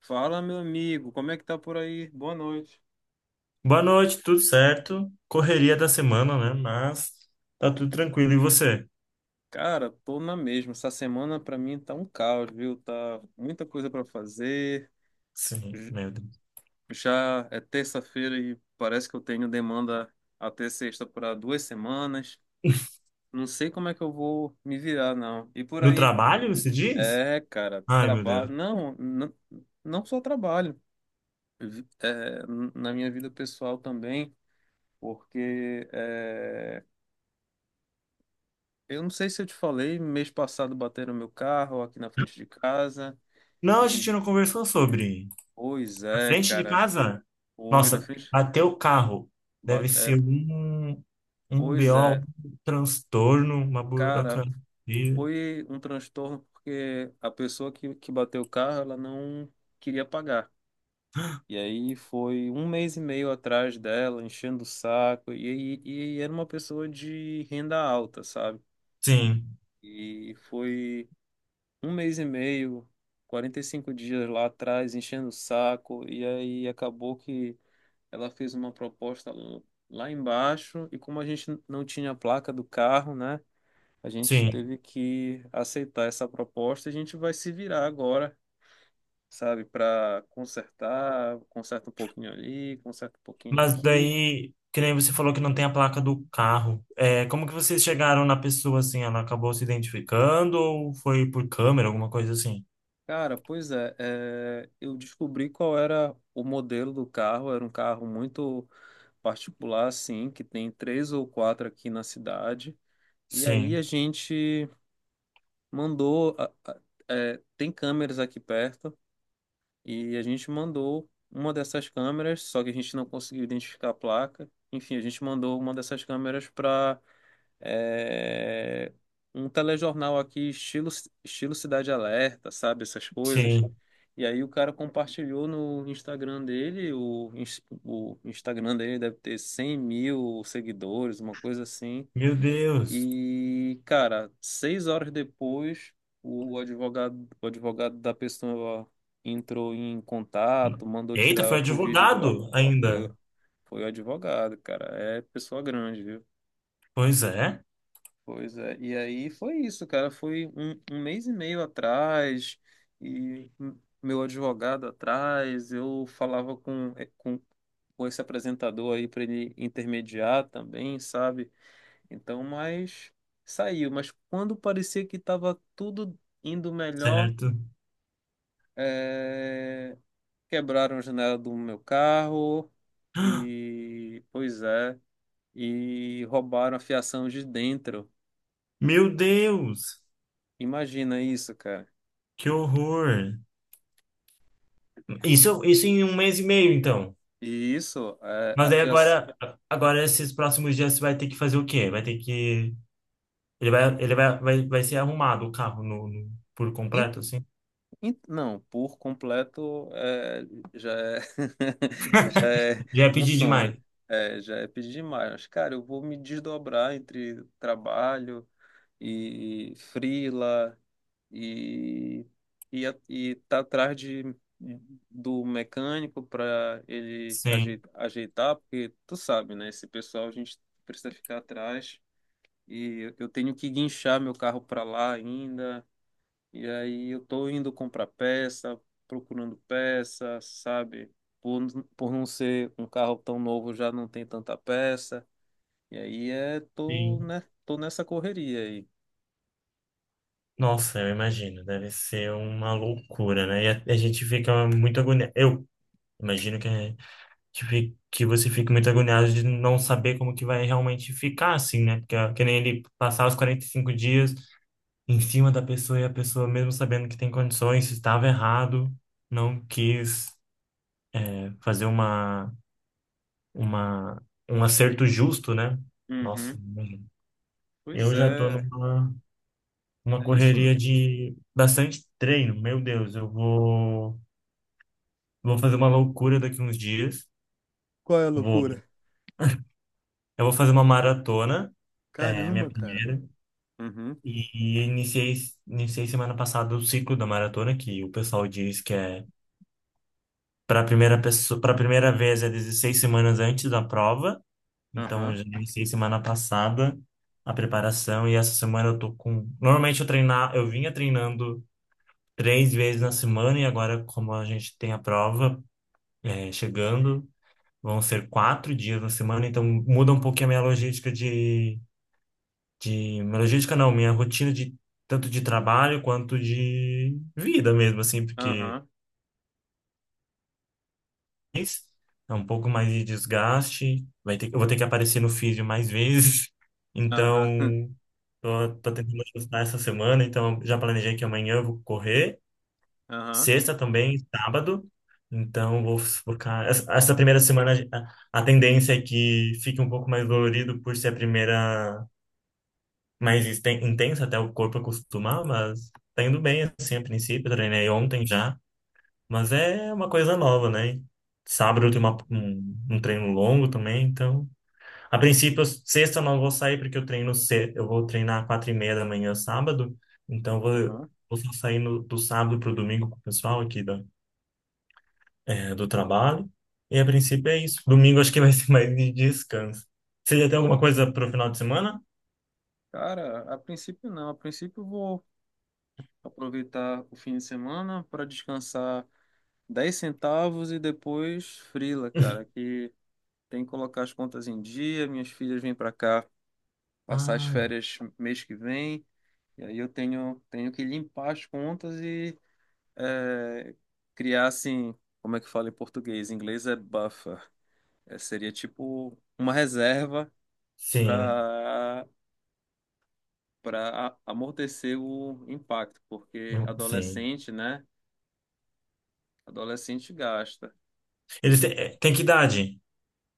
Fala, meu amigo, como é que tá por aí? Boa noite. Boa noite, tudo certo? Correria da semana, né? Mas tá tudo tranquilo. E você? Cara, tô na mesma. Essa semana pra mim tá um caos, viu? Tá muita coisa pra fazer. Sim, J- meu Deus. Já é terça-feira e parece que eu tenho demanda até sexta para 2 semanas. Não sei como é que eu vou me virar, não. E por No aí? trabalho, você diz? É, cara, Ai, meu trabalho. Deus. Não, não, não só trabalho. Vi- é, Na minha vida pessoal também, porque eu não sei se eu te falei, mês passado bateram meu carro aqui na frente de casa. Não, a E, gente não conversou sobre. Pois Na é, frente de cara. casa? Foi na Nossa, frente. até o carro. Deve Bate, ser é, um Pois BO, é. um transtorno, uma Cara, burocracia. foi um transtorno porque a pessoa que bateu o carro, ela não queria pagar. E aí foi um mês e meio atrás dela, enchendo o saco. E era uma pessoa de renda alta, sabe? Sim, E foi um mês e meio, 45 dias lá atrás, enchendo o saco, e aí acabou que ela fez uma proposta lá embaixo, e como a gente não tinha a placa do carro, né, a gente sim. teve que aceitar essa proposta, e a gente vai se virar agora, sabe, para consertar, conserta um pouquinho ali, conserta um pouquinho Mas aqui. daí, que nem você falou que não tem a placa do carro. É, como que vocês chegaram na pessoa assim? Ela acabou se identificando ou foi por câmera, alguma coisa assim? Cara, pois é, eu descobri qual era o modelo do carro, era um carro muito particular, assim que tem três ou quatro aqui na cidade. E aí a Sim, gente mandou. A- é, tem câmeras aqui perto, e a gente mandou uma dessas câmeras, só que a gente não conseguiu identificar a placa. Enfim, a gente mandou uma dessas câmeras para é, um telejornal aqui, estilo Cidade Alerta, sabe? Essas coisas. sim. E aí o cara compartilhou no Instagram dele, o Instagram dele deve ter 100 mil seguidores, uma coisa assim. Meu Deus. E, cara, 6 horas depois, o advogado da pessoa entrou em contato, mandou Eita, foi tirar o vídeo do ar. advogado Foi, ainda. o- foi o advogado, cara. É pessoa grande, viu? Pois é, Pois é, e aí foi isso, cara. Foi um mês e meio atrás, e meu advogado atrás, eu falava com esse apresentador aí para ele intermediar também, sabe? Então, mas saiu. Mas quando parecia que estava tudo indo melhor, certo. eh, quebraram a janela do meu carro, e pois é, e roubaram a fiação de dentro. Meu Deus, Imagina isso, cara. que horror. Isso em um mês e meio, então. E isso, é, a Mas aí fiação. agora esses próximos dias você vai ter que fazer o quê? Vai ter que. Ele vai ser arrumado o carro por completo, assim? Não, por completo é, já é, já é Já é um pedir sonho, demais. é, já é pedir demais. Mas, cara, eu vou me desdobrar entre trabalho e freela e, e tá atrás do mecânico para ele Sim, ajeitar, ajeitar, porque tu sabe, né? Esse pessoal a gente precisa ficar atrás. E eu tenho que guinchar meu carro para lá ainda. E aí eu tô indo comprar peça, procurando peça, sabe? Por, por não ser um carro tão novo, já não tem tanta peça. E aí tô, sim. né? Tô nessa correria aí. Nossa, eu imagino, deve ser uma loucura, né? E a gente fica muito agoniado. Eu imagino que, a gente fi- que você fique muito agoniado de não saber como que vai realmente ficar, assim, né? Porque é que nem ele passar os 45 dias em cima da pessoa e a pessoa, mesmo sabendo que tem condições, estava errado, não quis, né, fazer uma, um acerto justo, né? Nossa, Uhum. imagino. Pois Eu já tô é, numa. Uma é isso correria mesmo. de bastante treino. Meu Deus, eu vou fazer uma loucura daqui uns dias. Qual é a Vou, loucura? eu vou fazer uma maratona, é Caramba, minha cara. primeira, Uhum. e iniciei semana passada o ciclo da maratona, que o pessoal diz que é para primeira vez é 16 semanas antes da prova. Então, eu Aham. já iniciei semana passada a preparação e essa semana eu tô com. Normalmente eu vinha treinando três vezes na semana, e agora como a gente tem a prova chegando. Vão ser 4 dias na semana, então muda um pouquinho a minha logística. Minha logística não, minha rotina de tanto de trabalho quanto de vida mesmo, assim, porque Aham. é um pouco mais de desgaste. Eu vou ter que aparecer no físio mais vezes. Aham. Então, tô tentando ajustar essa semana, então já planejei que amanhã eu vou correr. Aham. Sexta também, sábado. Então, vou focar. Essa primeira semana, a tendência é que fique um pouco mais dolorido por ser a primeira mais intensa, até o corpo acostumar, mas tá indo bem, assim, a princípio. Eu treinei ontem já, mas é uma coisa nova, né? Sábado eu tenho um treino longo também, então. A princípio, sexta eu não vou sair porque eu treino cedo. Eu vou treinar 4:30 da manhã, sábado. Então, eu vou, Aham. vou só sair no, do sábado pro domingo com o pessoal aqui, do trabalho. E a princípio é isso. Domingo acho que vai ser mais de descanso. Você já tem alguma coisa para o final de semana? Cara, a princípio não. A princípio eu vou aproveitar o fim de semana para descansar 10 centavos e depois frila, cara, que tem que colocar as contas em dia, minhas filhas vêm para cá passar as Ah, férias mês que vem, e aí eu tenho, que limpar as contas e é, criar assim, como é que fala em português? Em inglês é buffer. É, seria tipo uma reserva sim. para para amortecer o impacto, porque sim. adolescente, né? Adolescente gasta. Eles têm que idade?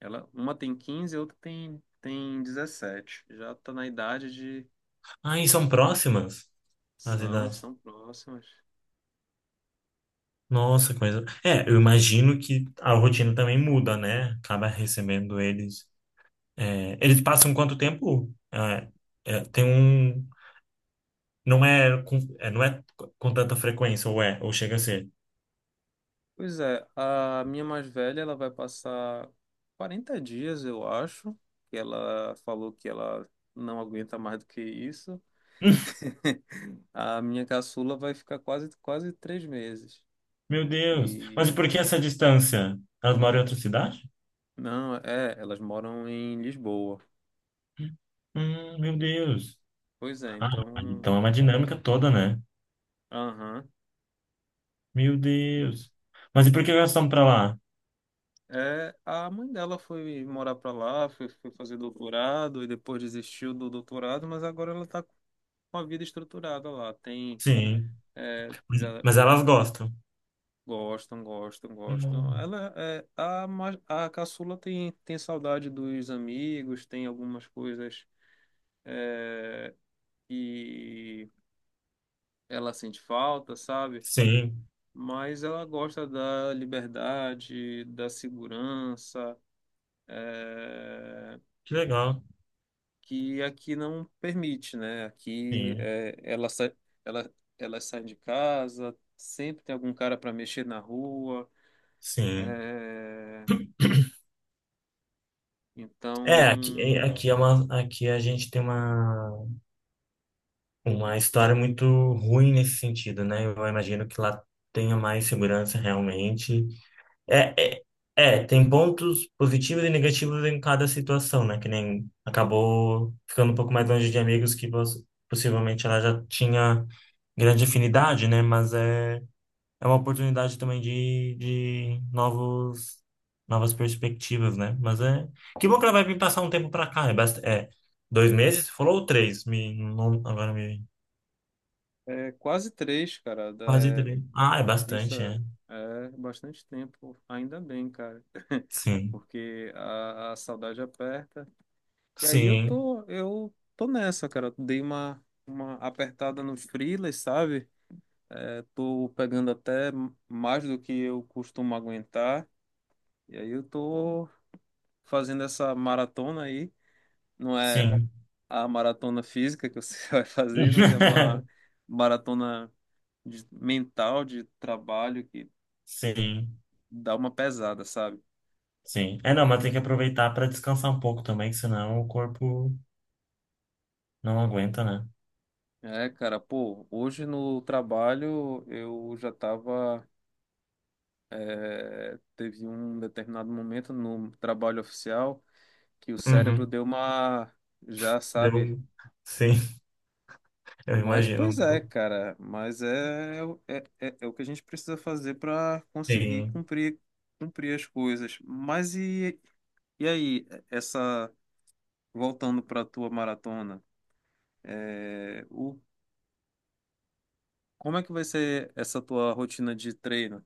Ela, uma tem 15 e a outra tem 17. Já tá na idade de. Ah, e são próximas as São, idades. são próximas. Nossa, coisa. É, eu imagino que a rotina também muda, né? Acaba recebendo eles. É, eles passam quanto tempo? É, é, tem um. Não é com tanta frequência, ou é, ou chega a ser. Pois é, a minha mais velha, ela vai passar 40 dias, eu acho, que ela falou que ela não aguenta mais do que isso. A minha caçula vai ficar quase 3 meses. Meu Deus. Mas E e por que essa distância? Elas moram em outra cidade? não, elas moram em Lisboa. Meu Deus. Pois é, Ah, então, então é uma dinâmica toda, né? aham. Meu Deus. Mas e por que elas estão pra lá? É, a mãe dela foi morar pra lá, foi fazer doutorado e depois desistiu do doutorado, mas agora ela tá com a vida estruturada lá. Tem, Sim. é, Mas já mas elas gostam? Gostam, gostam, gostam. Hum, Ela, é, a, ma- a caçula tem saudade dos amigos, tem algumas coisas, é, que ela sente falta, sabe? sim. Mas ela gosta da liberdade, da segurança, é, Que legal. que aqui não permite, né? Aqui Sim. é, ela sai, ela, ela sai de casa, sempre tem algum cara para mexer na rua. Sim. é, É, aqui, então, aqui é uma, aqui a gente tem uma história muito ruim nesse sentido, né? Eu imagino que lá tenha mais segurança realmente. É, é, é, tem pontos positivos e negativos em cada situação, né? Que nem acabou ficando um pouco mais longe de amigos que possivelmente ela já tinha grande afinidade, né? Mas é uma oportunidade também de novas perspectivas, né? Mas é. Que bom que ela vai vir passar um tempo pra cá. É 2 meses? Você falou ou três? Me, não, agora me. é quase três, cara. Quase da- três. Ah, é isso bastante, é, é. é bastante tempo, ainda bem, cara, Sim. porque a saudade aperta. E aí eu Sim. tô, eu tô nessa, cara. Dei uma apertada no freelas, sabe? É, tô pegando até mais do que eu costumo aguentar. E aí eu tô fazendo essa maratona aí. Não é Sim. a maratona física que você vai fazer, mas é uma maratona mental de trabalho que Sim. dá uma pesada, sabe? Sim. É, não, mas tem que aproveitar para descansar um pouco também, que senão o corpo não aguenta, né? É, cara, pô, hoje no trabalho eu já tava. Teve um determinado momento no trabalho oficial que o cérebro Uhum. deu uma. Já sabe. Deu. Sim, eu Mas, imagino. pois é, cara, mas é o que a gente precisa fazer para conseguir Sim. cumprir, as coisas. Mas e aí, voltando para a tua maratona, é, o, como é que vai ser essa tua rotina de treino?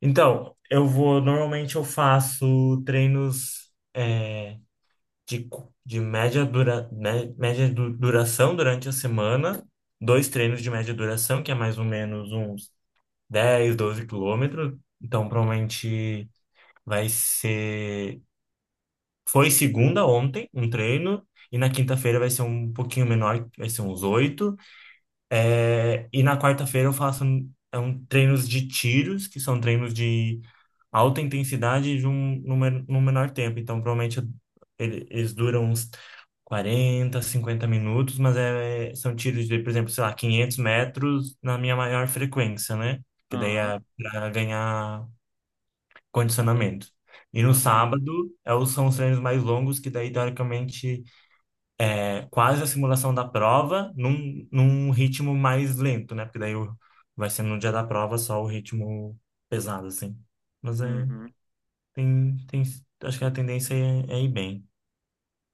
Então, eu vou. Normalmente eu faço treinos de média duração durante a semana. Dois treinos de média duração, que é mais ou menos uns 10 12 quilômetros. Então, provavelmente vai ser. Foi segunda ontem, um treino, e na quinta-feira vai ser um pouquinho menor, vai ser uns oito. É, e na quarta-feira eu faço treinos de tiros, que são treinos de alta intensidade de um, num, men- num menor tempo. Então, provavelmente eles duram uns 40 50 minutos, mas é, são tiros de, por exemplo, sei lá, 500 metros na minha maior frequência, né? Que daí Aham, é para ganhar condicionamento. E no aham, sábado, são os treinos mais longos, que daí, teoricamente, é quase a simulação da prova num ritmo mais lento, né? Porque daí vai ser no dia da prova só o ritmo pesado, assim. Mas é, uhum. tem, acho que a tendência é ir bem.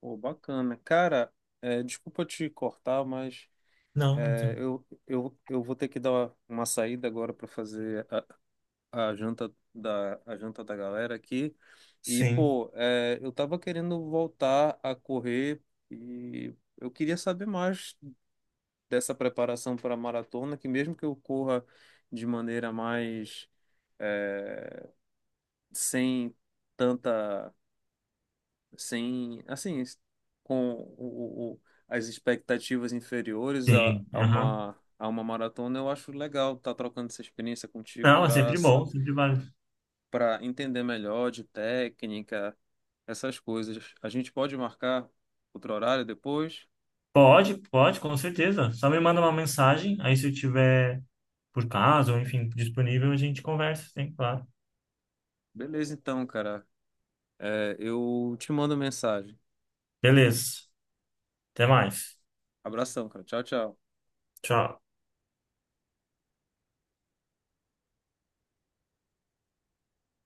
Pô, bacana. Cara, desculpa te cortar, mas Não, não sei. eu vou ter que dar uma saída agora para fazer a janta da galera aqui. Sim. Pô, eu tava querendo voltar a correr e eu queria saber mais dessa preparação para a maratona, que mesmo que eu corra de maneira mais, é, sem tanta, sem, assim, com o, o- as expectativas inferiores a, Sim. a Aham. uma, a uma maratona, eu acho legal estar trocando essa experiência contigo Não, é para sempre bom, sempre vale. Entender melhor de técnica, essas coisas. A gente pode marcar outro horário depois? Pode, pode, com certeza. Só me manda uma mensagem, aí se eu tiver, por caso, ou enfim, disponível, a gente conversa, sim, claro. Beleza, então, cara. Eu te mando mensagem. Beleza. Até mais. Abração, cara. Tchau, tchau. Tchau.